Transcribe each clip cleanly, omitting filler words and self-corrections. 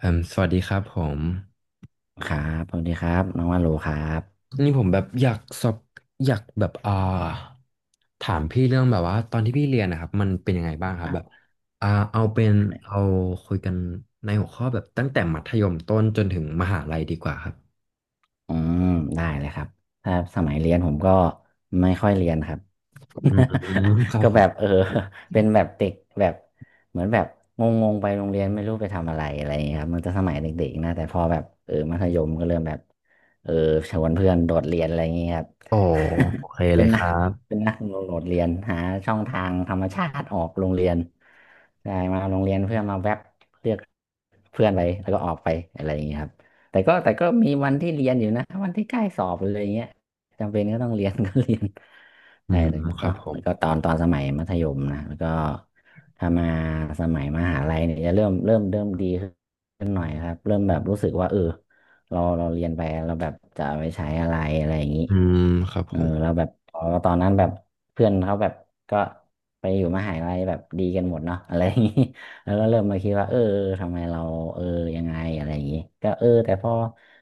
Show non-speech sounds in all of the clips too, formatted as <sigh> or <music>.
เอ่มสวัสดีครับผมครับ สวัสดีครับ น้องว่าโลครับนี่ผมแบบอยากแบบถามพี่เรื่องแบบว่าตอนที่พี่เรียนนะครับมันเป็นยังไงบ้างคครับรัแบบบ อ่าเอาเป็นเอาคุยกันในหัวข้อแบบตั้งแต่มัธยมต้นจนถึงมหาลัยดีกว่าครับอืม ได้เลยครับ ถ้าสมัยเรียนผมก็ไม่ค่อยเรียนครับ อืมค <laughs> รับก็ผแบบม<laughs> เป็นแบบเด็กแบบเหมือนแบบงๆไปโรงเรียนไม่รู้ไปทำอะไรอะไรอย่างเงี้ยครับมันจะสมัยเด็กๆนะแต่พอแบบมัธยมก็เริ่มแบบเออชวนเพื่อนโดดเรียนอะไรอย่างเงี้ยครับ โอ้โอเค <laughs> เป็เลนยคนัก รั <laughs> บเป็นนักโดดเรียนหาช่องทางธรรมชาติออกโรงเรียนใช่มาโรงเรียนเพื่อนมาแวบเรียกเพื่อนไปแล้วก็ออกไปอะไรอย่างเงี้ยครับแต่ก็มีวันที่เรียนอยู่นะวันที่ใกล้สอบเลยอะไรอย่างเงี้ยจำเป็นก็ต้องเรียน <laughs> ก็เรียน อืใช่มแล้วคก็รับผมแล้วก็ตอนสมัยมัธยมนะแล้วก็ถ้ามาสมัยมหาลัยเนี่ยจะเริ่มดีขึ้นหน่อยครับเริ่มแบบรู้สึกว่าเราเรียนไปเราแบบจะเอาไปใช้อะไรอะไรอย่างนี้อืมครับผมเราแ้บบพอตอนนั้นแบบเพื่อนเขาแบบก็ไปอยู่มหาลัยแบบดีกันหมดเนาะอะไรอย่างนี้ <laughs> แล้วก็เริ่มมาคิดว่าทำไมเราเออยังไงอะไรอย่างนี้ก็แต่พอ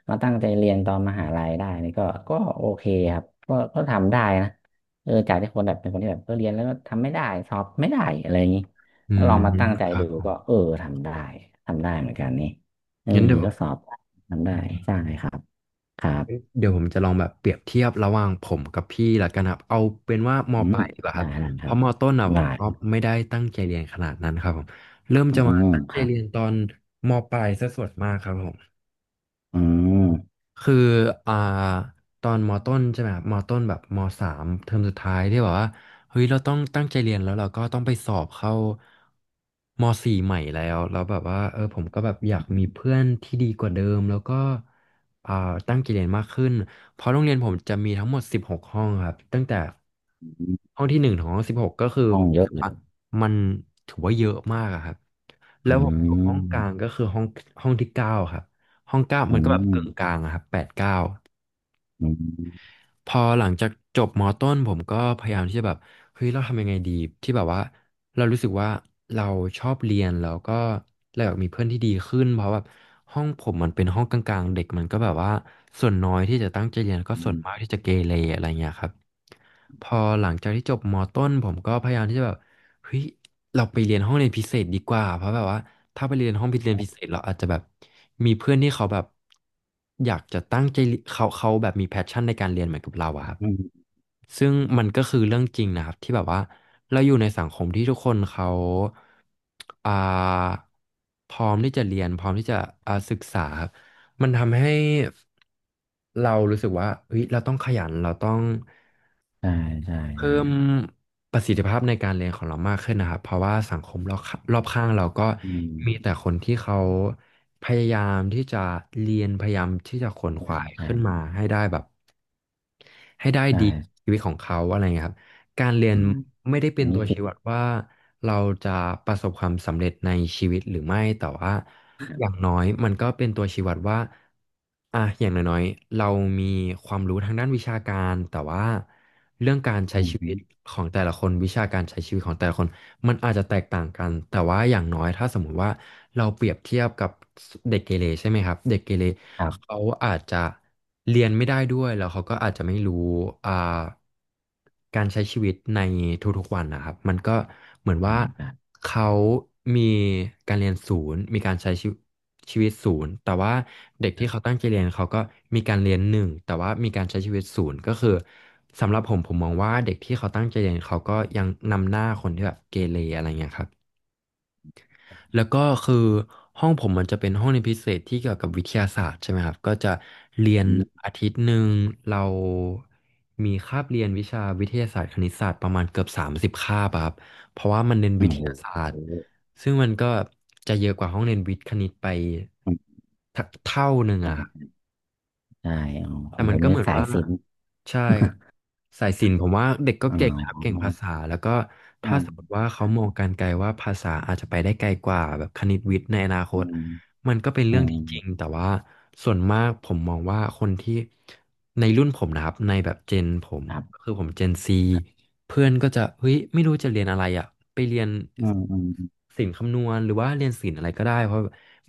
มาตั้งใจเรียนตอนมหาลัยได้นี่ก็โอเคครับก็ทำได้นะ จากที่คนแบบเป็นคนที่แบบเรียนแล้วก็ทำไม่ได้สอบไม่ได้อะไรอย่างนี้อืถ้าลมองมาตั้งใจครัดูบผมก็ทำได้ทำได้เหมือนกันนี่เอองั้นเดี๋ยว ก็สอบทำได้ใช่ครับครัเอ้ยบเดี๋ยวผมจะลองแบบเปรียบเทียบระหว่างผมกับพี่ละกันครับเอาเป็นว่ามอืปมลายดีกว่าครัได้บแล้วคเพรับราะมต้นอ่ะผได้มก็ไม่ได้ตั้งใจเรียนขนาดนั้นครับผมเริ่มอืจะมามตั้งคใจรับเรียนตอนมปลายซะส่วนมากครับผม อืมคืออ่าตอนมต้นใช่ไหมครับมต้นแบบมสามเทอมสุดท้ายที่แบบว่าเฮ้ยเราต้องตั้งใจเรียนแล้วเราก็ต้องไปสอบเข้ามสี่ใหม่แล้วแบบว่าผมก็แบบอยากมีเพื่อนที่ดีกว่าเดิมแล้วก็อ่าตั้งใจเรียนมากขึ้นเพราะโรงเรียนผมจะมีทั้งหมดสิบหกห้องครับตั้งแต่ห้องที่หนึ่งถึงห้องสิบหกก็คือห้อผงมเยรู้อะสึกเลยว่ามันถือว่าเยอะมากอะครับอืแล้วผมอยู่ห้องกลางมก็คือห้องที่เก้าครับ ห้องเก้าอืมันก็แบบมกึ่งกลางอะครับแปดเก้าอืมพอหลังจากจบมอต้นผมก็พยายามที่จะแบบเฮ้ยเราทำยังไงดีที่แบบว่าเรารู้สึกว่าเราชอบเรียนแล้วก็เราอยากมีเพื่อนที่ดีขึ้นเพราะแบบห้องผมมันเป็นห้องกลางๆเด็กมันก็แบบว่าส่วนน้อยที่จะตั้งใจเรียนแล้วก็อืส่วนมมากที่จะเกเรอะไรเงี้ยครับพอหลังจากที่จบมอต้นผมก็พยายามที่จะแบบ เฮ้ยเราไปเรียนห้องเรียนพิเศษดีกว่าเพราะแบบว่าถ้าไปเรียนห้องเรียนพิเศษเราอาจจะแบบมีเพื่อนที่เขาแบบอยากจะตั้งใจเขาแบบมีแพชชั่นในการเรียนเหมือนกับเราอะครับอืมซึ่งมันก็คือเรื่องจริงนะครับที่แบบว่าเราอยู่ในสังคมที่ทุกคนเขาอ่าพร้อมที่จะเรียนพร้อมที่จะศึกษาครับมันทำให้เรารู้สึกว่าเฮ้ยเราต้องขยันเราต้อง ใช่ใช่เพิ่ใช่มประสิทธิภาพในการเรียนของเรามากขึ้นนะครับเพราะว่าสังคมรอบข้างรอบข้างเราก็อืมมีแต่คนที่เขาพยายามที่จะเรียนพยายามที่จะขวนขใช่วายใช่ขึ้นมาให้ได้แบบให้ได้ใช่ดีชีวิตของเขาอะไรเงี้ยครับ การเรียอืนมไม่ได้เป็อันนนี้ตัวจริงชี้วัดว่าเราจะประสบความสำเร็จในชีวิตหรือไม่แต่ว่าอย่างน้อยมันก็เป็นตัวชี้วัดว่าอ่ะอย่างน้อยๆเรามีความรู้ทางด้านวิชาการแต่ว่าเรื่องการใช้อืชีวิตมของแต่ละคนวิชาการใช้ชีวิตของแต่ละคนมันอาจจะแตกต่างกันแต่ว่าอย่างน้อยถ้าสมมุติว่าเราเปรียบเทียบกับเด็กเกเรใช่ไหมครับเด็กเกเรครัเขาบอาจจะเรียนไม่ได้ด้วยแล้วเขาก็อาจจะไม่รู้อ่า การใช้ชีวิตในทุกๆวันนะครับมันก็เหมือนใช่ว่าครับเขามีการเรียนศูนย์มีการใช้ชีวิตชีวิตศูนย์แต่ว่าเด็กคที่รัเขาบตั้งใจเรียนเขาก็มีการเรียนหนึ่งแต่ว่ามีการใช้ชีวิตศูนย์ก็คือสำหรับผมผมมองว่าเด็กที่เขาตั้งใจเรียนเขาก็ยังนำหน้าคนที่แบบเกเรอะไรเงี้ยครับ แล้วก็คือห้องผมมันจะเป็นห้องเรียนพิเศษที่เกี่ยวกับวิทยาศาสตร์ใช่ไหมครับก็จะเรียนอืมอาทิตย์หนึ่งเรามีคาบเรียนวิชาวิทยาศาสตร์คณิตศาสตร์ประมาณเกือบ30คาบอะครับเพราะว่ามันเน้นอืวิมทยาศาสตร์โอ้โห ซึ่งมันก็จะเยอะกว่าห้องเรียนวิทย์คณิตไปเท่าหนึ่งใชอะครับ ่ใช่อ๋อขแต่องผมันมก็เนี่เหยมือนสายว่าศิลป์ใช่ครับสายศิลป์ผมว่าเด็กก็อ๋เก่งนะครับเก่งอภาษาแล้วก็อืถ้ามสมมติว่าคเขารับมองการไกลว่าภาษาอาจจะไปได้ไกลกว่าแบบคณิตวิทย์ในอนาคอืตมมันก็เป็นอืเรื่องมที่จริงแต่ว่าส่วนมากผมมองว่าคนที่ในรุ่นผมนะครับในแบบเจนผมครับคือผมเจนซีเพื่อนก็จะเฮ้ยไม่รู้จะเรียนอะไรอ่ะไปเรียนอืมอืมศิลป์คำนวณหรือว่าเรียนศิลป์อะไรก็ได้เพราะ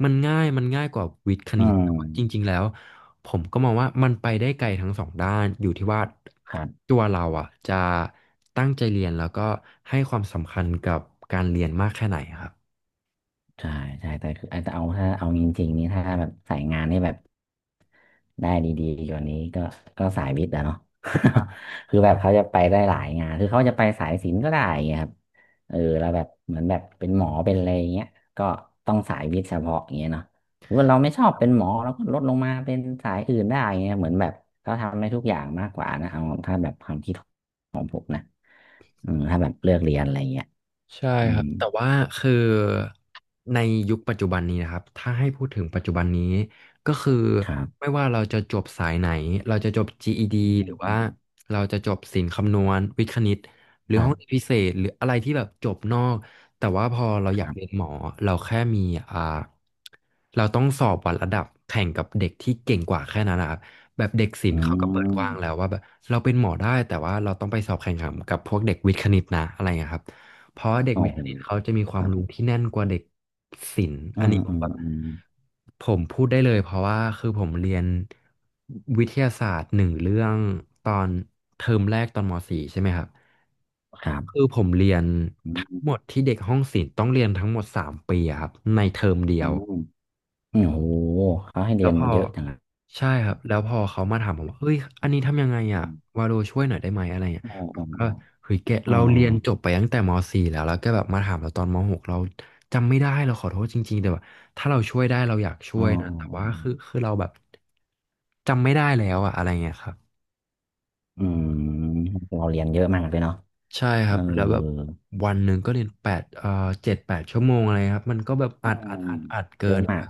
มันง่ายกว่าวิทย์คอืณิตแต่มว่าจริงๆแล้ว ผมก็มองว่ามันไปได้ไกลทั้งสองด้านอยู่ที่ว่าครับ ตัวเราอ่ะจะตั้งใจเรียนแล้วก็ให้ความสำคัญกับการเรียนมากแค่ไหนครับ ใช่ใช่แต่คือแต่เอาถ้าเอาจริงๆนี่ถ้าแบบสายงานนี่แบบได้ดีๆกว่านี้ก็ก็สายวิทย์อะเนาะ <laughs> คือแบบเขาจะไปได้หลายงานคือเขาจะไปสายศิลป์ก็ได้อย่างเงี้ยครับแล้วแบบเหมือนแบบเป็นหมอเป็นอะไรอย่างเงี้ยก็ต้องสายวิทย์เฉพาะอย่างเงี้ยเนาะหรือว่าเราไม่ชอบเป็นหมอเราก็ลดลงมาเป็นสายอื่นได้อย่างเงี้ยเหมือนแบบเขาทำได้ทุกอย่างมากกว่านะเอาถ้าแบบความคิดอืมถ้าแบบเลือกเรียนอะไรอย่างเงี้ยใช่อืครัมบแต่ว่าคือในยุคปัจจุบันนี้นะครับถ้าให้พูดถึงปัจจุบันนี้ก็คือครับไม่ว่าเราจะจบสายไหนเราจะจบ GED อืหรือว่ามเราจะจบศิลป์คำนวณวิทย์คณิตหรืคอรัห้องเรียนบพิเศษหรืออะไรที่แบบจบนอกแต่ว่าพอเราคอยากรัเรียนบหมอเราแค่มีอ่าเราต้องสอบวัดระดับแข่งกับเด็กที่เก่งกว่าแค่นั้นนะครับแบบเด็กศิลอืป์เขาก็เปิดกว้างแล้ม วว่าแบบเราเป็นหมอได้แต่ว่าเราต้องไปสอบแข่งขันกับพวกเด็กวิทย์คณิตนะอะไรอย่างเงี้ยครับ เพราะเด็กโอ้วิทย์คโหณิตเขาจะมีควาคมรับ รู้ที่แน่นกว่าเด็กศิลป์อือันมนี้ผอืมมแบบอืมผมพูดได้เลยเพราะว่าคือผมเรียนวิทยาศาสตร์หนึ่งเรื่องตอนเทอมแรกตอนม .4 ใช่ไหมครับครับคือผมเรียนอืทั้งมหมดที่เด็กห้องศิลป์ต้องเรียนทั้งหมดสามปีอะครับในเทอมเดียอืว มอืมโอ้โหเขาให้แล้เรียวนพอเยอะจังอะใช่ครับแล้วพอเขามาถามผมว่าเฮ้ยอันนี้ทำยังไงอ่ะอืมวาโลช่วยหน่อยได้ไหมอะไรเงี้ยอ๋อผอ๋อมก็เฮ้ยแกอ๋อเราเรียนจบไปตั้งแต่ม .4 แล้วแล้วแก็แบบมาถามเราตอนม .6 เราจำไม่ได้เราขอโทษจริงๆแต่ว่าถ้าเราช่วยได้เราอยากช่อ๋วอยนะอ๋อแต่อ๋อว่าอ๋คืออคือเราแบบจำไม่ได้แล้วอะอะไรเงี้ยครับอืมเราเรียนเยอะมากเลยเนาะใช่คเอรัอบแล้วแบบวันหนึ่งก็เรียนแปดเจ็ดแปดชั่วโมงอะไรครับมันก็แบบอือัดอัมดอัดอัดเกิเยอะน มาก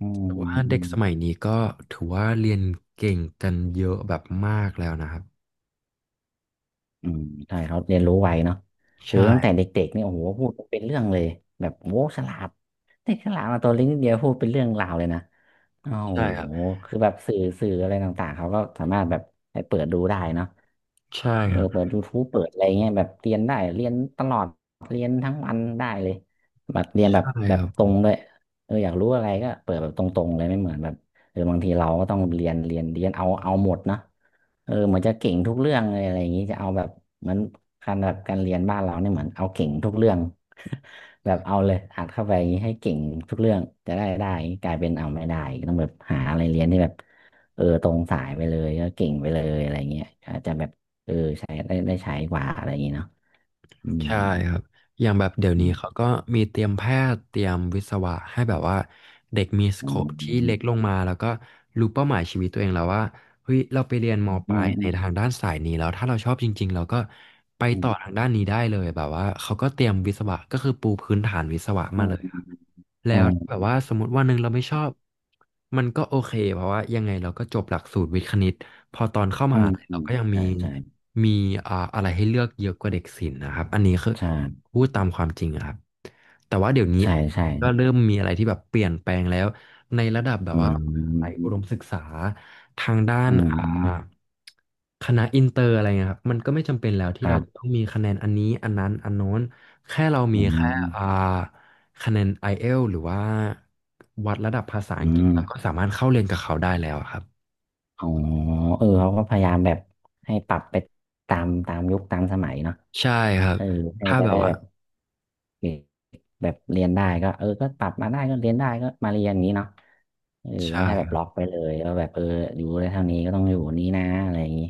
อืมถือว่าอืเด็กมสมัยนี้ก็ถือว่าเรียนเก่งกันเยอะแบบมากแล้วนะครับอืมใช่ เขาเรียนรู้ไวเนาะคือใช่ตั้งแต่เด็กๆนี่โอ้โหพูดเป็นเรื่องเลย แบบโว้ฉลาดเด็กฉลาดมาตัวเล็กนิดเดียวพูดเป็นเรื่องราวเลยนะ โอ้ใช่คโหรับคือแบบสื่ออะไรต่างๆ เขาก็สามารถแบบไปเปิดดูได้เนาะใช่ครับเปิดยูทูบเปิดอะไรเงี้ยแบบเรียนได้เรียนตลอดเรียนทั้งวันได้เลยแบบเรียนใช่แบคบรัตรบงด้วยอยากรู้อะไรก็เปิดแบบตรงๆเลยไม่เหมือนแบบบางทีเราก็ต้องเรียนเอาหมดนะเหมือนจะเก่งทุกเรื่องเลยอะไรอย่างงี้จะเอาแบบเหมือนการแบบการเรียนบ้านเราเนี่ยเหมือนเอาเก่งทุกเรื่อง <laughs> แบบเอาเลยอัดเข้าไปอย่างนี้ให้เก่งทุกเรื่องจะได้ได้กลายเป็นเอาไม่ได้ต้องแบบหาอะไรเรียนที่แบบตรงสายไปเลยก็เก่งไปเลยอะไรเงี้ยอาจจะแบบเออใช้ได้ได้ใช้กว่าอะไรอย่างงี้เนาะอืมใช่ครับอย่างแบบเดี๋ยวอืนี้มเขาก็มีเตรียมแพทย์เตรียมวิศวะให้แบบว่าเด็กมีสโคอืปที่เล็กลมงมาแล้วก็รู้เป้าหมายชีวิตตัวเองแล้วว่าเฮ้ยเราไปเรียนมปอืลายในทามงด้านสายนี้แล้วถ้าเราชอบจริงๆเราก็ไปอืต่มอทางด้านนี้ได้เลยแบบว่าเขาก็เตรียมวิศวะก็คือปูพื้นฐานวิศวะอืมาเลย มแล้อืวแบมบว่าสมมติวันหนึ่งเราไม่ชอบมันก็โอเคเพราะว่ายังไงเราก็จบหลักสูตรวิทย์คณิตพอตอนเข้ามอืหามลัยอืเรามก็ยังมีใช่ใช่มีอะไรให้เลือกเยอะกว่าเด็กศิลป์นะครับอันนี้คือใช่พูดตามความจริงอะครับแต่ว่าเดี๋ยวนี้ใช่ใช่ก็เริ่ใช่มมีอะไรที่แบบเปลี่ยนแปลงแล้ว ในระดับแบบอืว่าไหยอุดมมศึกษาทางด้านอืมคณะอินเตอร์อะไรเงี้ยครับมันก็ไม่จำเป็นแล้วที่ครัเราจะต้อบงมีคะแนนอันนี้อันนั้นอันโน้นแค่เราอืมีแค่อ่ามคะแนน IELTS หรือว่าวัดระดับภาษาอัอืงกฤษเราก็ม สามารถเข้าเรียนกับเขาได้แล้วครับอ๋อเขาก็พยายามแบบให้ปรับไปตามยุคตามสมัยเนาะใช่ครัเอบอให้มัถ้านจะแบบได้ว่าแบบเด็กแบบเรียนได้ก็ก็ปรับมาได้ก็เรียนได้ก็มาเรียนอย่างนี้เนาะใช่ไม่ใช่แบบล็อคกไปเลยว่าแบบอยู่ได้เท่านี้ก็ต้องอยู่นี้นะอะไรอย่างนี้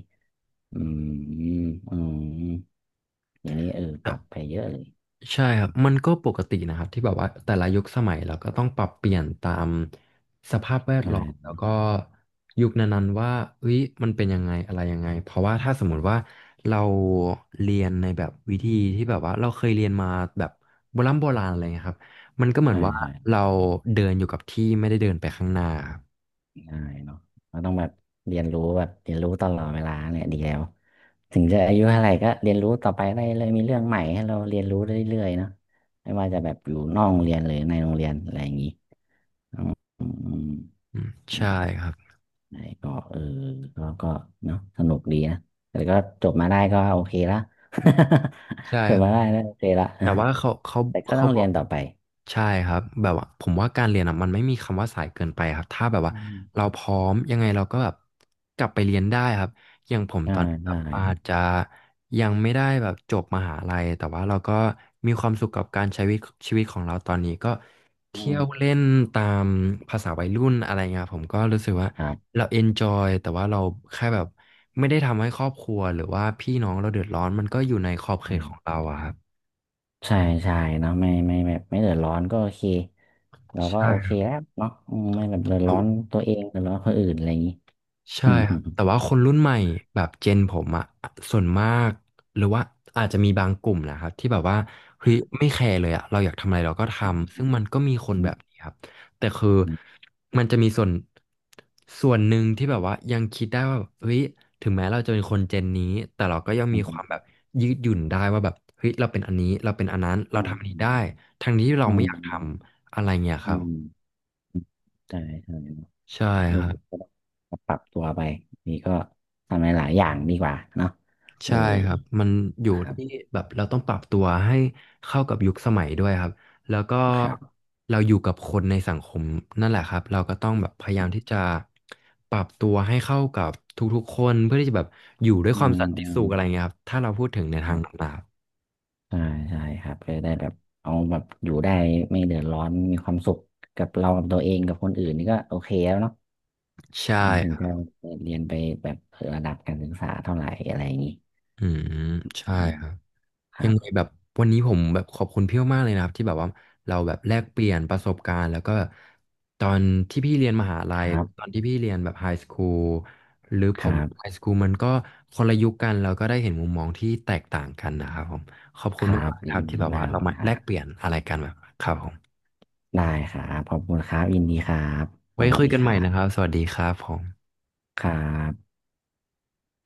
อืมอืมอย่างนี้ปรัรับ บไปเยอะเลยใช่ครับ มันก็ปกตินะครับที่แบบว่าแต่ละยุคสมัยเราก็ต้องปรับเปลี่ยนตามสภาพแวดใช่ล้อมแล้วก็ยุคนั้นๆว่าเฮ้ยมันเป็นยังไงอะไรยังไงเพราะว่าถ้าสมมติว่าเราเรียนในแบบวิธีที่แบบว่าเราเคยเรียนมาแบบโบราณอะไรเงี้ยครับมันก็เหมือนใช่ว่าใช่เราเดินอยู่กับที่ไม่ได้เดินไปข้างหน้าครับด้เนาะเราต้องแบบเรียนรู้แบบเรียนรู้ตลอดเวลาเนี่ยดีแล้ว ถึงจะอายุเท่าไหร่ก็เรียนรู้ต่อไปได้เลยมีเรื่องใหม่ให้เราเรียนรู้เรื่อยๆเนาะไม่ว่าจะแบบอยู่นอกโรงเรียนหรือในโรงเรียนอะไรอย่างนี้อืมอืมอืมอืใช่มครับไหนก็ก็เนาะสนุกดีนะแต่ก็จบมาได้ก็โอเคละ ใช่ <laughs> จคบรับมาได้แล้วโอเคละ แต่ว่าเขาเขา <laughs> แต่ก็ต้เขาองบเรีอยก นต่อไปใช่ครับแบบว่าผมว่าการเรียนอ่ะมันไม่มีคำว่าสายเกินไปครับถ้าแบบว่าอืมเราพร้อมยังไงเราก็แบบกลับไปเรียนได้ครับอย่างผมตอได้นนี้ครับได้อาจจะยังไม่ได้แบบจบมหาลัยแต่ว่าเราก็มีความสุขกับการใช้ชีวิตชีวิตของเราตอนนี้ก็อืเที่ยมวเล่นตามภาษาวัยรุ่นอะไรเงี้ยครับผมก็รู้สึกว่าครับ เราเอนจอยแต่ว่าเราแค่แบบไม่ได้ทำให้ครอบครัวหรือว่าพี่น้องเราเดือดร้อนมันก็อยู่ในขอบเขตของเราอะครับใช่ใช่เนาะไม่แบบไม่เดือดร้อนก็โอเคเราก็ใช่โอเคแล้วเนาะอืมไม่แบบเดือดคร้รัอนบ ตัวเองเดือดร้อนคนอื่นอะไรอย่างนี้ใช่อืมคอืรับมแต่ว่าคนรุ่นใหม่แบบเจนผมอะส่วนมากหรือว่าอาจจะมีบางกลุ่มนะครับที่แบบว่าเฮ้ยไม่แคร์เลยอะเราอยากทำอะไรเราก็ทำซึ่งมันก็มีคนแบบนี้ครับแต่คือมันจะมีส่วนหนึ่งที่แบบว่ายังคิดได้ว่าเฮ้ยถึงแม้เราจะเป็นคนเจนนี้แต่เราก็ยังอืมีความแบมบยืดหยุ่นได้ว่าแบบเฮ้ยเราเป็นอันนี้เราเป็นอันนั้นเราอืทำอันนี้ได้มทั้งที่เราอืไม่มอยากทอืมำอะไรเงี้ยคอืรับมใช่ใช่เนาะใช่เออครับ ก็ต้องปรับตัวไปนี่ก็ทำในหลายอย่างดีกว่าเนาะเอใช่อครับ มันอยู่ครัที่บแบบเราต้องปรับตัวให้เข้ากับยุคสมัยด้วยครับ แล้วก็ครับเราอยู่กับคนในสังคมนั่นแหละครับ เราก็ต้องแบบพยายามที่จะปรับตัวให้เข้ากับทุกๆคนเพื่อที่จะแบบอยู่ด้วยอืความสัมนติอืสุมขอะไรเงี้ยครับ ถ้าเราพูดถึงในคทารังบต่างใช่ใช่ครับก็ได้แบบเอาแบบอยู่ได้ไม่เดือดร้อนมีความสุขกับเรากับตัวเองกับคนอื่นนี่ก็โอเคแล้วเนาะ ๆใช่เราถึคงรัจะบเเรียนไปแบบระดับการศึกษาเท่าไหร่อะไรอย่างนี้อืมอืใช่มครับ คยัรังบไงแบบวันนี้ผมแบบขอบคุณพี่มากๆเลยนะครับที่แบบว่าเราแบบแลกเปลี่ยนประสบการณ์แล้วก็ตอนที่พี่เรียนมหาลัคยรัหรือตอบนที่พี่เรียนแบบไฮสคูลหรือคผรัมไฮบสคูลมันก็คนละยุคกันเราก็ได้เห็นมุมมองที่แตกต่างกันนะครับผมขอบคคุณรับมากๆคยิรับนที่ดีแบบว่ามากเรามาคแลรับกเปลี่ยนอะไรกันแบบครับผมได้ครับขอบคุณครับยินดีครับสไว้วัสคุยดีกันคใหม่รันะครับบสวัสดีครับผมครับ